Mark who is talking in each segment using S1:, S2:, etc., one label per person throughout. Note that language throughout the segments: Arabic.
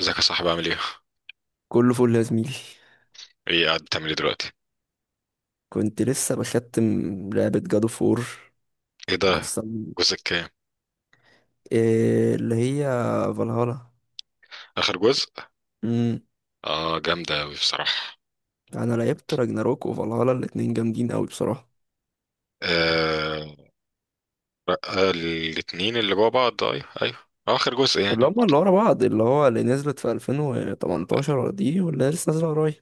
S1: ازيك يا صاحبي، عامل ايه؟
S2: كله فل يا زميلي.
S1: ايه، قاعد بتعمل ايه دلوقتي؟
S2: كنت لسه بختم لعبة جادو فور.
S1: ايه ده؟ جزء كام؟
S2: إيه اللي هي؟ فالهالا.
S1: اخر جزء؟
S2: امم
S1: اه، جامدة اوي بصراحة.
S2: انا لعبت راجناروك وفالهالا، الاتنين جامدين قوي بصراحة.
S1: آه آه، الاتنين اللي جوا بعض، ايوه ايوه. اخر جزء يعني.
S2: اللي هما اللي ورا بعض، اللي هو اللي نزلت في 2018 دي واللي لسه نازلة قريب.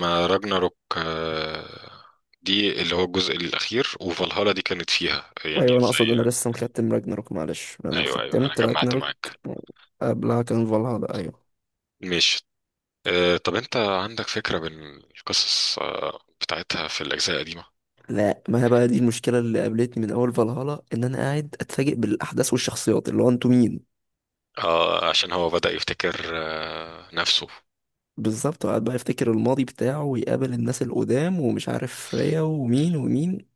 S1: ما راجناروك دي اللي هو الجزء الاخير، وفالهالا دي كانت فيها يعني
S2: ايوه، انا اقصد
S1: زي...
S2: انا لسه مختم راجناروك، معلش انا
S1: ايوه ايوه، انا
S2: ختمت
S1: جمعت
S2: راجناروك
S1: معاك.
S2: قبلها كان فالهالا، ايوه.
S1: ماشي. طب انت عندك فكرة بالقصص بتاعتها في الاجزاء القديمة؟
S2: لا، ما هي بقى دي المشكلة اللي قابلتني من أول فالهالا، إن أنا قاعد أتفاجئ بالأحداث والشخصيات، اللي هو أنتوا مين؟
S1: اه، عشان هو بدأ يفتكر نفسه.
S2: بالظبط، وقعد بقى يفتكر الماضي بتاعه ويقابل الناس القدام ومش عارف ريا ومين ومين.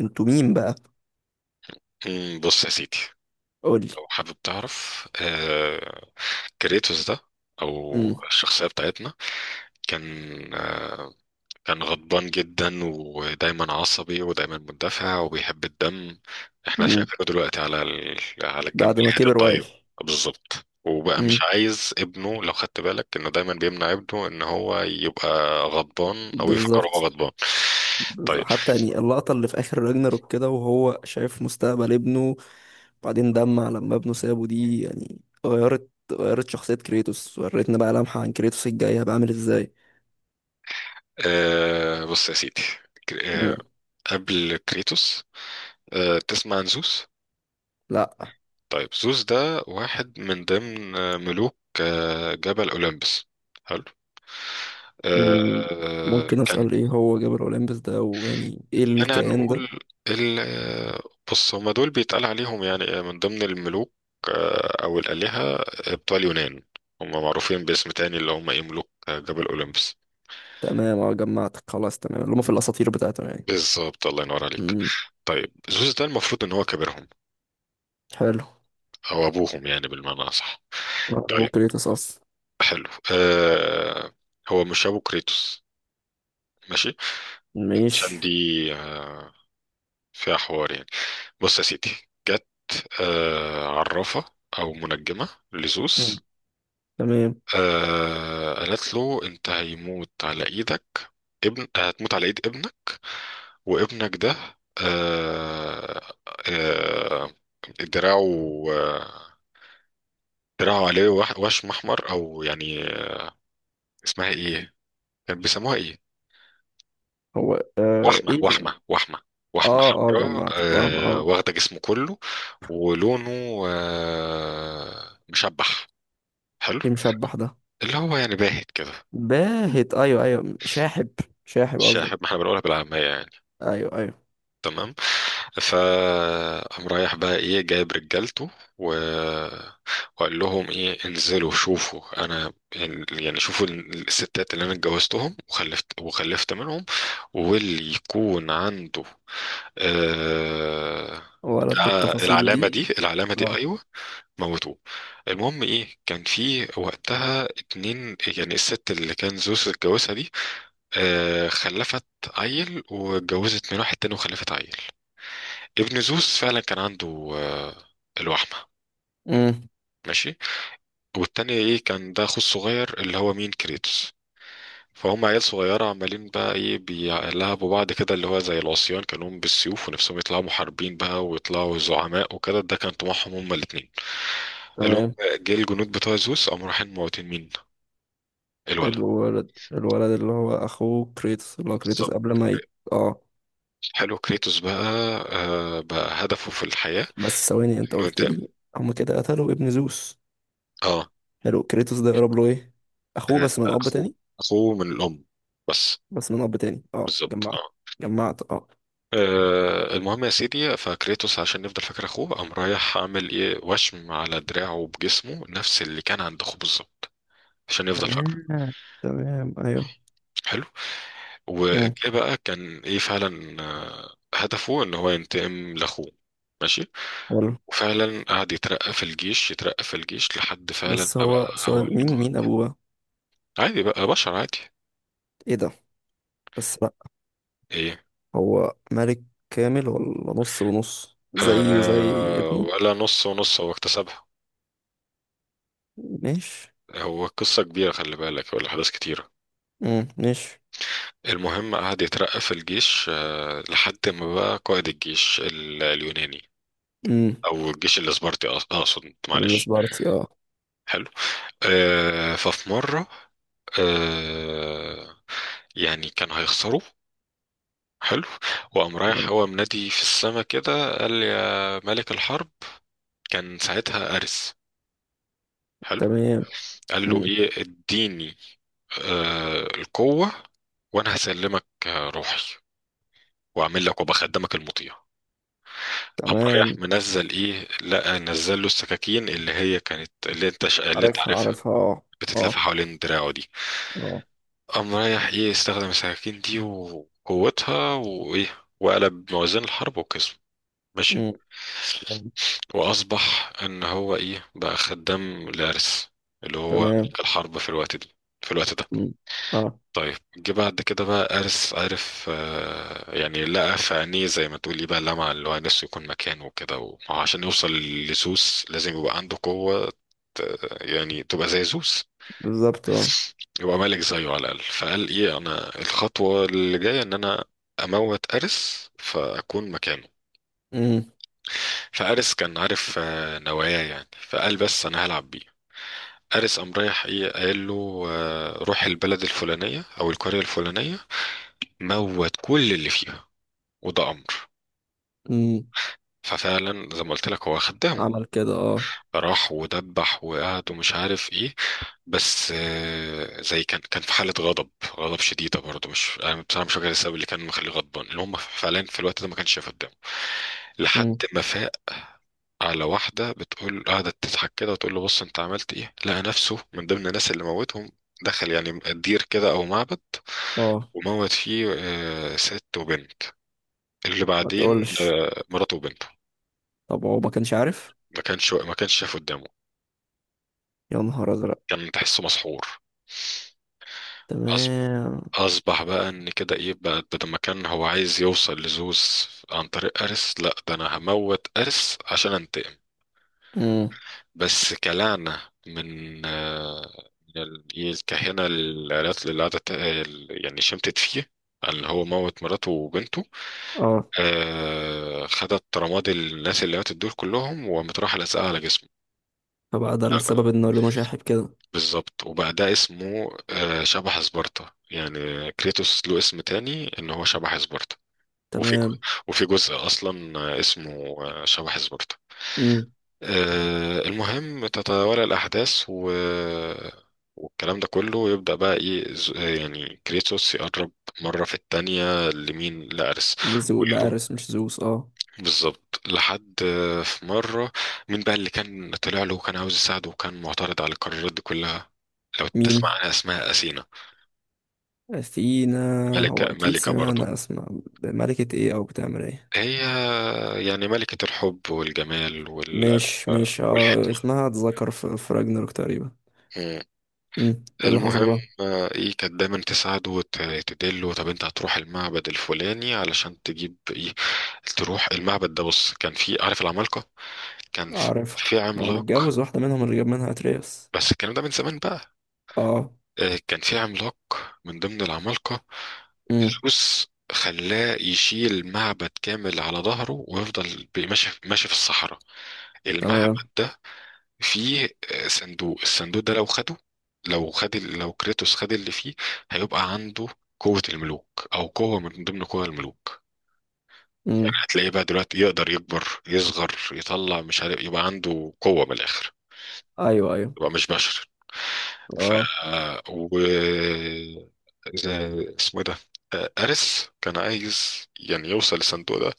S2: انتوا مين بقى.
S1: بص يا سيدي،
S2: قولي.
S1: لو حابب تعرف، كريتوس ده او
S2: امم
S1: الشخصيه بتاعتنا كان آه، كان غضبان جدا، ودايما عصبي، ودايما مندفع، وبيحب الدم. احنا
S2: امم
S1: شايفينه دلوقتي على على الجنب
S2: بعد ما
S1: الحياد
S2: كبر وعي.
S1: الطيب. بالظبط، وبقى مش
S2: امم
S1: عايز ابنه. لو خدت بالك انه دايما بيمنع ابنه ان هو يبقى غضبان او يفكر هو
S2: بالظبط.
S1: غضبان.
S2: بالظبط.
S1: طيب،
S2: حتى يعني اللقطة اللي في آخر راجناروك كده وهو شايف مستقبل ابنه، بعدين دمع لما ابنه سابه، دي يعني غيرت شخصية كريتوس، وريتنا بقى لمحة عن كريتوس الجاي هيبقى عامل ازاي.
S1: بص يا سيدي. ك- آه،
S2: امم
S1: قبل كريتوس، تسمع عن زوس؟
S2: لا.
S1: طيب، زوس ده واحد من ضمن ملوك جبل أولمبس. حلو.
S2: امم ممكن
S1: كان
S2: أسأل ايه هو جبل أولمبس ده ويعني ايه
S1: أنا
S2: الكيان ده؟
S1: نقول ال... آه، بص، هما دول بيتقال عليهم يعني من ضمن الملوك، أو الآلهة بتوع اليونان. هما معروفين باسم تاني اللي هما إيه، ملوك جبل أولمبس.
S2: تمام، اه جمعتك، خلاص تمام، اللي هم في الاساطير بتاعتهم يعني.
S1: بالظبط، الله ينور عليك.
S2: امم
S1: طيب، زوس ده المفروض إن هو كبيرهم
S2: حلو.
S1: أو أبوهم يعني بالمعنى أصح. طيب،
S2: ممكن يتصاص.
S1: حلو. آه هو مش ابو كريتوس. ماشي. عشان
S2: ماشي.
S1: دي آه، فيها حوار يعني. بص يا سيدي، جت عرافة أو منجمة
S2: مم.
S1: لزوس.
S2: تمام.
S1: قالت له، أنت هيموت على إيدك. ابن هتموت على إيد ابنك. وابنك ده آه آه دراعه دراعه عليه وشم أحمر أو يعني، اسمها إيه؟ كان بيسموها إيه؟
S2: هو
S1: وحمة،
S2: ايه بقى.
S1: وحمة، وحمة، وحمة
S2: اه اه
S1: حمراء
S2: جمعتك، اه اه.
S1: واخدة جسمه كله. ولونه مشبح. حلو.
S2: ايه مشبح ده؟
S1: اللي هو يعني باهت كده.
S2: باهت، ايوه ايوه، شاحب. شاحب
S1: الشاحب،
S2: قصدك.
S1: ما احنا بنقولها بالعامية يعني.
S2: ايوه ايوه.
S1: تمام. فقام رايح بقى ايه، جايب رجالته و... وقال لهم ايه، انزلوا شوفوا انا، يعني شوفوا الستات اللي انا اتجوزتهم وخلفت، منهم، واللي يكون عنده آه...
S2: ولد بالتفاصيل
S1: العلامة
S2: دي.
S1: دي،
S2: اه.
S1: ايوه، موتوه. المهم ايه، كان في وقتها اتنين، يعني الست اللي كان زوز اتجوزها دي خلفت عيل، واتجوزت من واحد تاني وخلفت عيل. ابن زوس فعلا كان عنده الوحمة.
S2: امم
S1: ماشي. والتاني ايه، كان ده اخوه الصغير اللي هو مين، كريتوس. فهم عيال صغيرة، عمالين بقى ايه، بيلعبوا بعض كده، اللي هو زي العصيان كانوا بالسيوف، ونفسهم يطلعوا محاربين بقى ويطلعوا زعماء وكده، ده كان طموحهم هما الاتنين. اللي هم
S2: تمام.
S1: جه الجنود بتوع زوس قاموا رايحين موتين مين، الولد.
S2: الولد، الولد اللي هو كريتوس
S1: بالظبط.
S2: قبل ما اه.
S1: حلو. كريتوس بقى بقى هدفه في الحياة
S2: بس ثواني،
S1: انه
S2: انت قلت
S1: ينتقم.
S2: لي هم كده قتلوا ابن زوس.
S1: اه.
S2: حلو، كريتوس ده يقرب له ايه؟ اخوه
S1: آه،
S2: بس من اب
S1: اخوه،
S2: تاني.
S1: اخوه من الام بس.
S2: بس من اب تاني، اه
S1: بالظبط
S2: جمعت.
S1: اه.
S2: جمعت، اه.
S1: المهم يا سيدي، فكريتوس عشان نفضل فاكر اخوه قام رايح عامل ايه، وشم على دراعه بجسمه نفس اللي كان عند اخوه بالظبط، عشان نفضل
S2: تمام.
S1: فاكره.
S2: تمام ايوه.
S1: حلو.
S2: امم
S1: وجه بقى كان ايه فعلا هدفه ان هو ينتقم لاخوه. ماشي.
S2: حلو.
S1: وفعلا قعد يترقى في الجيش، يترقى في الجيش، لحد فعلا
S2: بس
S1: ما بقى
S2: هو
S1: هو
S2: سؤال، مين
S1: القائد.
S2: مين ابوه بقى؟
S1: عادي بقى، بشر عادي.
S2: ايه ده. بس بقى،
S1: ايه،
S2: هو ملك كامل ولا نص ونص زيه زي
S1: آه
S2: ابنه؟
S1: ولا نص ونص، هو اكتسبها.
S2: ماشي.
S1: هو قصة كبيرة خلي بالك، والأحداث كتيرة.
S2: ماشي.
S1: المهم قعد يترقى في الجيش لحد ما بقى قائد الجيش اليوناني،
S2: امم
S1: أو الجيش الإسبرطي، أقصد، معلش.
S2: السبارتي اه.
S1: حلو. ففي مرة، آه، يعني كان هيخسروا. حلو. وقام رايح
S2: حلو.
S1: هو منادي في السما كده، قال يا ملك الحرب. كان ساعتها أرس. حلو.
S2: تمام.
S1: قال له
S2: امم
S1: إيه، اديني القوة، وأنا هسلمك روحي، واعمل لك وبخدمك المطيع. قام رايح
S2: تمام.
S1: منزل ايه، لقى نزل له السكاكين اللي هي كانت اللي اللي انت
S2: عارفها
S1: عارفها،
S2: عارفها، اه.
S1: بتتلف
S2: اه
S1: حوالين دراعه دي.
S2: اه.
S1: قام رايح ايه، استخدم السكاكين دي وقوتها، وايه، وقلب موازين الحرب وكسب. ماشي.
S2: امم تمام.
S1: واصبح ان هو ايه بقى، خدام لارس، اللي هو
S2: تمام.
S1: ملك الحرب في الوقت دي، في الوقت ده.
S2: امم اه.
S1: طيب، جه بعد كده بقى أرس عرف يعني، لقى في عينيه زي ما تقولي بقى لمع، اللي هو نفسه يكون مكانه وكده، وما هو عشان يوصل لزوس لازم يبقى عنده قوة، يعني تبقى زي زوس،
S2: بالظبط، اه.
S1: يبقى ملك زيه على الأقل. فقال إيه، أنا الخطوة اللي جاية إن أنا أموت أرس فأكون مكانه.
S2: امم
S1: فأرس كان عارف نواياه يعني، فقال بس أنا هلعب بيه. أرس قام رايح إيه، قال له روح البلد الفلانية أو القرية الفلانية، موت كل اللي فيها، وده امر.
S2: امم
S1: ففعلا زي ما قلت لك هو خدامه.
S2: عمل كده، اه.
S1: راح ودبح وقعد ومش عارف ايه، بس زي كان في حاله غضب، غضب شديده برضه. مش انا بصراحه مش فاكر السبب اللي كان مخليه غضبان، اللي هم فعلا في الوقت ده ما كانش شايف قدامه لحد
S2: امم
S1: ما فاق على واحده بتقول، قعدت تضحك كده وتقول له بص انت عملت ايه. لقى نفسه من ضمن الناس اللي موتهم، دخل يعني دير كده او معبد،
S2: اه.
S1: وموت فيه ست وبنت، اللي
S2: ما
S1: بعدين
S2: تقولش.
S1: مراته وبنته.
S2: طب هو ما كانش عارف؟
S1: ما كانش شايف قدامه،
S2: يا نهار ازرق.
S1: كان تحسه مسحور. أص-
S2: تمام.
S1: أصبح بقى إن كده إيه بقى ده، لما كان هو عايز يوصل لزوس عن طريق أرس، لأ ده أنا هموت أرس عشان أنتقم.
S2: امم
S1: بس كلعنة من من إيه، الكاهنة، العيلات اللي قعدت يعني شمتت فيه، اللي هو موت مراته وبنته،
S2: اه.
S1: خدت رماد الناس اللي ماتت دول كلهم وقامت رايحة لازقة على جسمه.
S2: فبقى ده السبب ان لونه شاحب كده.
S1: بالظبط، وبقى ده اسمه شبح سبارتا، يعني كريتوس له اسم تاني ان هو شبح سبارتا. وفي جو-
S2: تمام.
S1: وفي جزء اصلا اسمه شبح سبارتا.
S2: امم
S1: المهم تتوالى الاحداث والكلام ده كله، يبدأ بقى ايه، يعني كريتوس يقرب مرة في التانية لمين، لأرس،
S2: لزو
S1: ويرو
S2: لأرس مش زوس، اه.
S1: بالظبط. لحد في مرة، مين بقى اللي كان طلع له وكان عاوز يساعده وكان معترض على القرارات دي كلها؟ لو
S2: مين؟
S1: تسمع عنها، اسمها أثينا.
S2: اثينا. هو
S1: ملكة
S2: اكيد
S1: ملكة برضه.
S2: سمعنا اسمع. ملكة ايه او بتعمل ايه؟
S1: هي يعني ملكة الحب والجمال
S2: مش مش، اه
S1: والحكمة.
S2: اسمها اتذكر في في راجناروك تقريبا.
S1: مم.
S2: ايه اللي حصل
S1: المهم
S2: بقى؟
S1: ايه، كانت دايما تساعده وتدله، طب انت هتروح المعبد الفلاني علشان تجيب ايه. تروح المعبد ده، بص كان في، عارف، العمالقة، كان في
S2: عارف.
S1: في
S2: ما هو
S1: عملاق،
S2: متجوز واحدة منهم اللي جاب منها اترياس.
S1: بس الكلام ده من زمان بقى.
S2: اه.
S1: كان في عملاق من ضمن العمالقة،
S2: امم
S1: الروس خلاه يشيل معبد كامل على ظهره ويفضل ماشي ماشي في الصحراء.
S2: تمام.
S1: المعبد ده فيه صندوق. الصندوق ده لو خده، لو خد لو كريتوس خد اللي فيه، هيبقى عنده قوة الملوك أو قوة من ضمن قوى الملوك. يعني
S2: امم
S1: هتلاقيه بقى دلوقتي يقدر يكبر يصغر يطلع مش عارف، يبقى عنده قوة من الآخر،
S2: ايوه ايوه،
S1: يبقى مش بشر. ف
S2: اه.
S1: و اسمه ايه ده، أرس كان عايز يعني يوصل للصندوق ده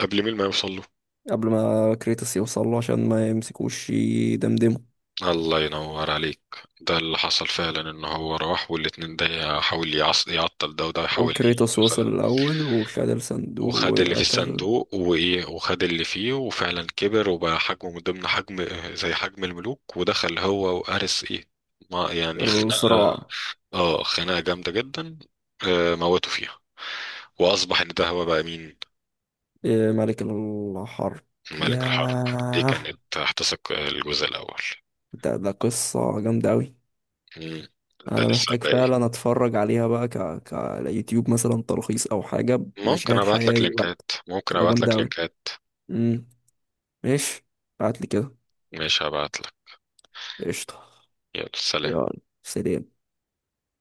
S1: قبل مين ما يوصل له.
S2: قبل ما كريتوس يوصل له عشان ما يمسكوش يدمدمه.
S1: الله ينور عليك. ده اللي حصل فعلا، ان هو راح والاتنين ده يحاول يعطل ده، وده يحاول ايه
S2: وكريتوس
S1: يوصل
S2: وصل
S1: ده.
S2: الاول وخد الصندوق
S1: وخد اللي في
S2: وقتل.
S1: الصندوق وايه، وخد اللي فيه، وفعلا كبر وبقى حجمه من ضمن حجم، زي حجم الملوك، ودخل هو وأرس ايه، ما يعني خناقة.
S2: الصراع.
S1: اه، خناقة جامدة جدا، موته فيها. وأصبح إن ده هو بقى مين،
S2: إيه، ملك الحرب.
S1: ملك الحرب. دي
S2: ياه.
S1: كانت هتثق الجزء الأول.
S2: ده ده قصة جامدة أوي.
S1: مم. ده
S2: أنا
S1: لسه
S2: محتاج
S1: الباقي.
S2: فعلا أتفرج عليها بقى كيوتيوب مثلا تلخيص أو حاجة
S1: ممكن
S2: بمشاهد
S1: أبعت لك
S2: حقيقية بقى.
S1: لينكات، ممكن
S2: تبقى
S1: أبعت
S2: جامدة
S1: لك
S2: أوي.
S1: لينكات.
S2: امم ماشي. بعتلي كده.
S1: ماشي، هبعت لك.
S2: قشطة.
S1: يلا سلام.
S2: يلا سلام.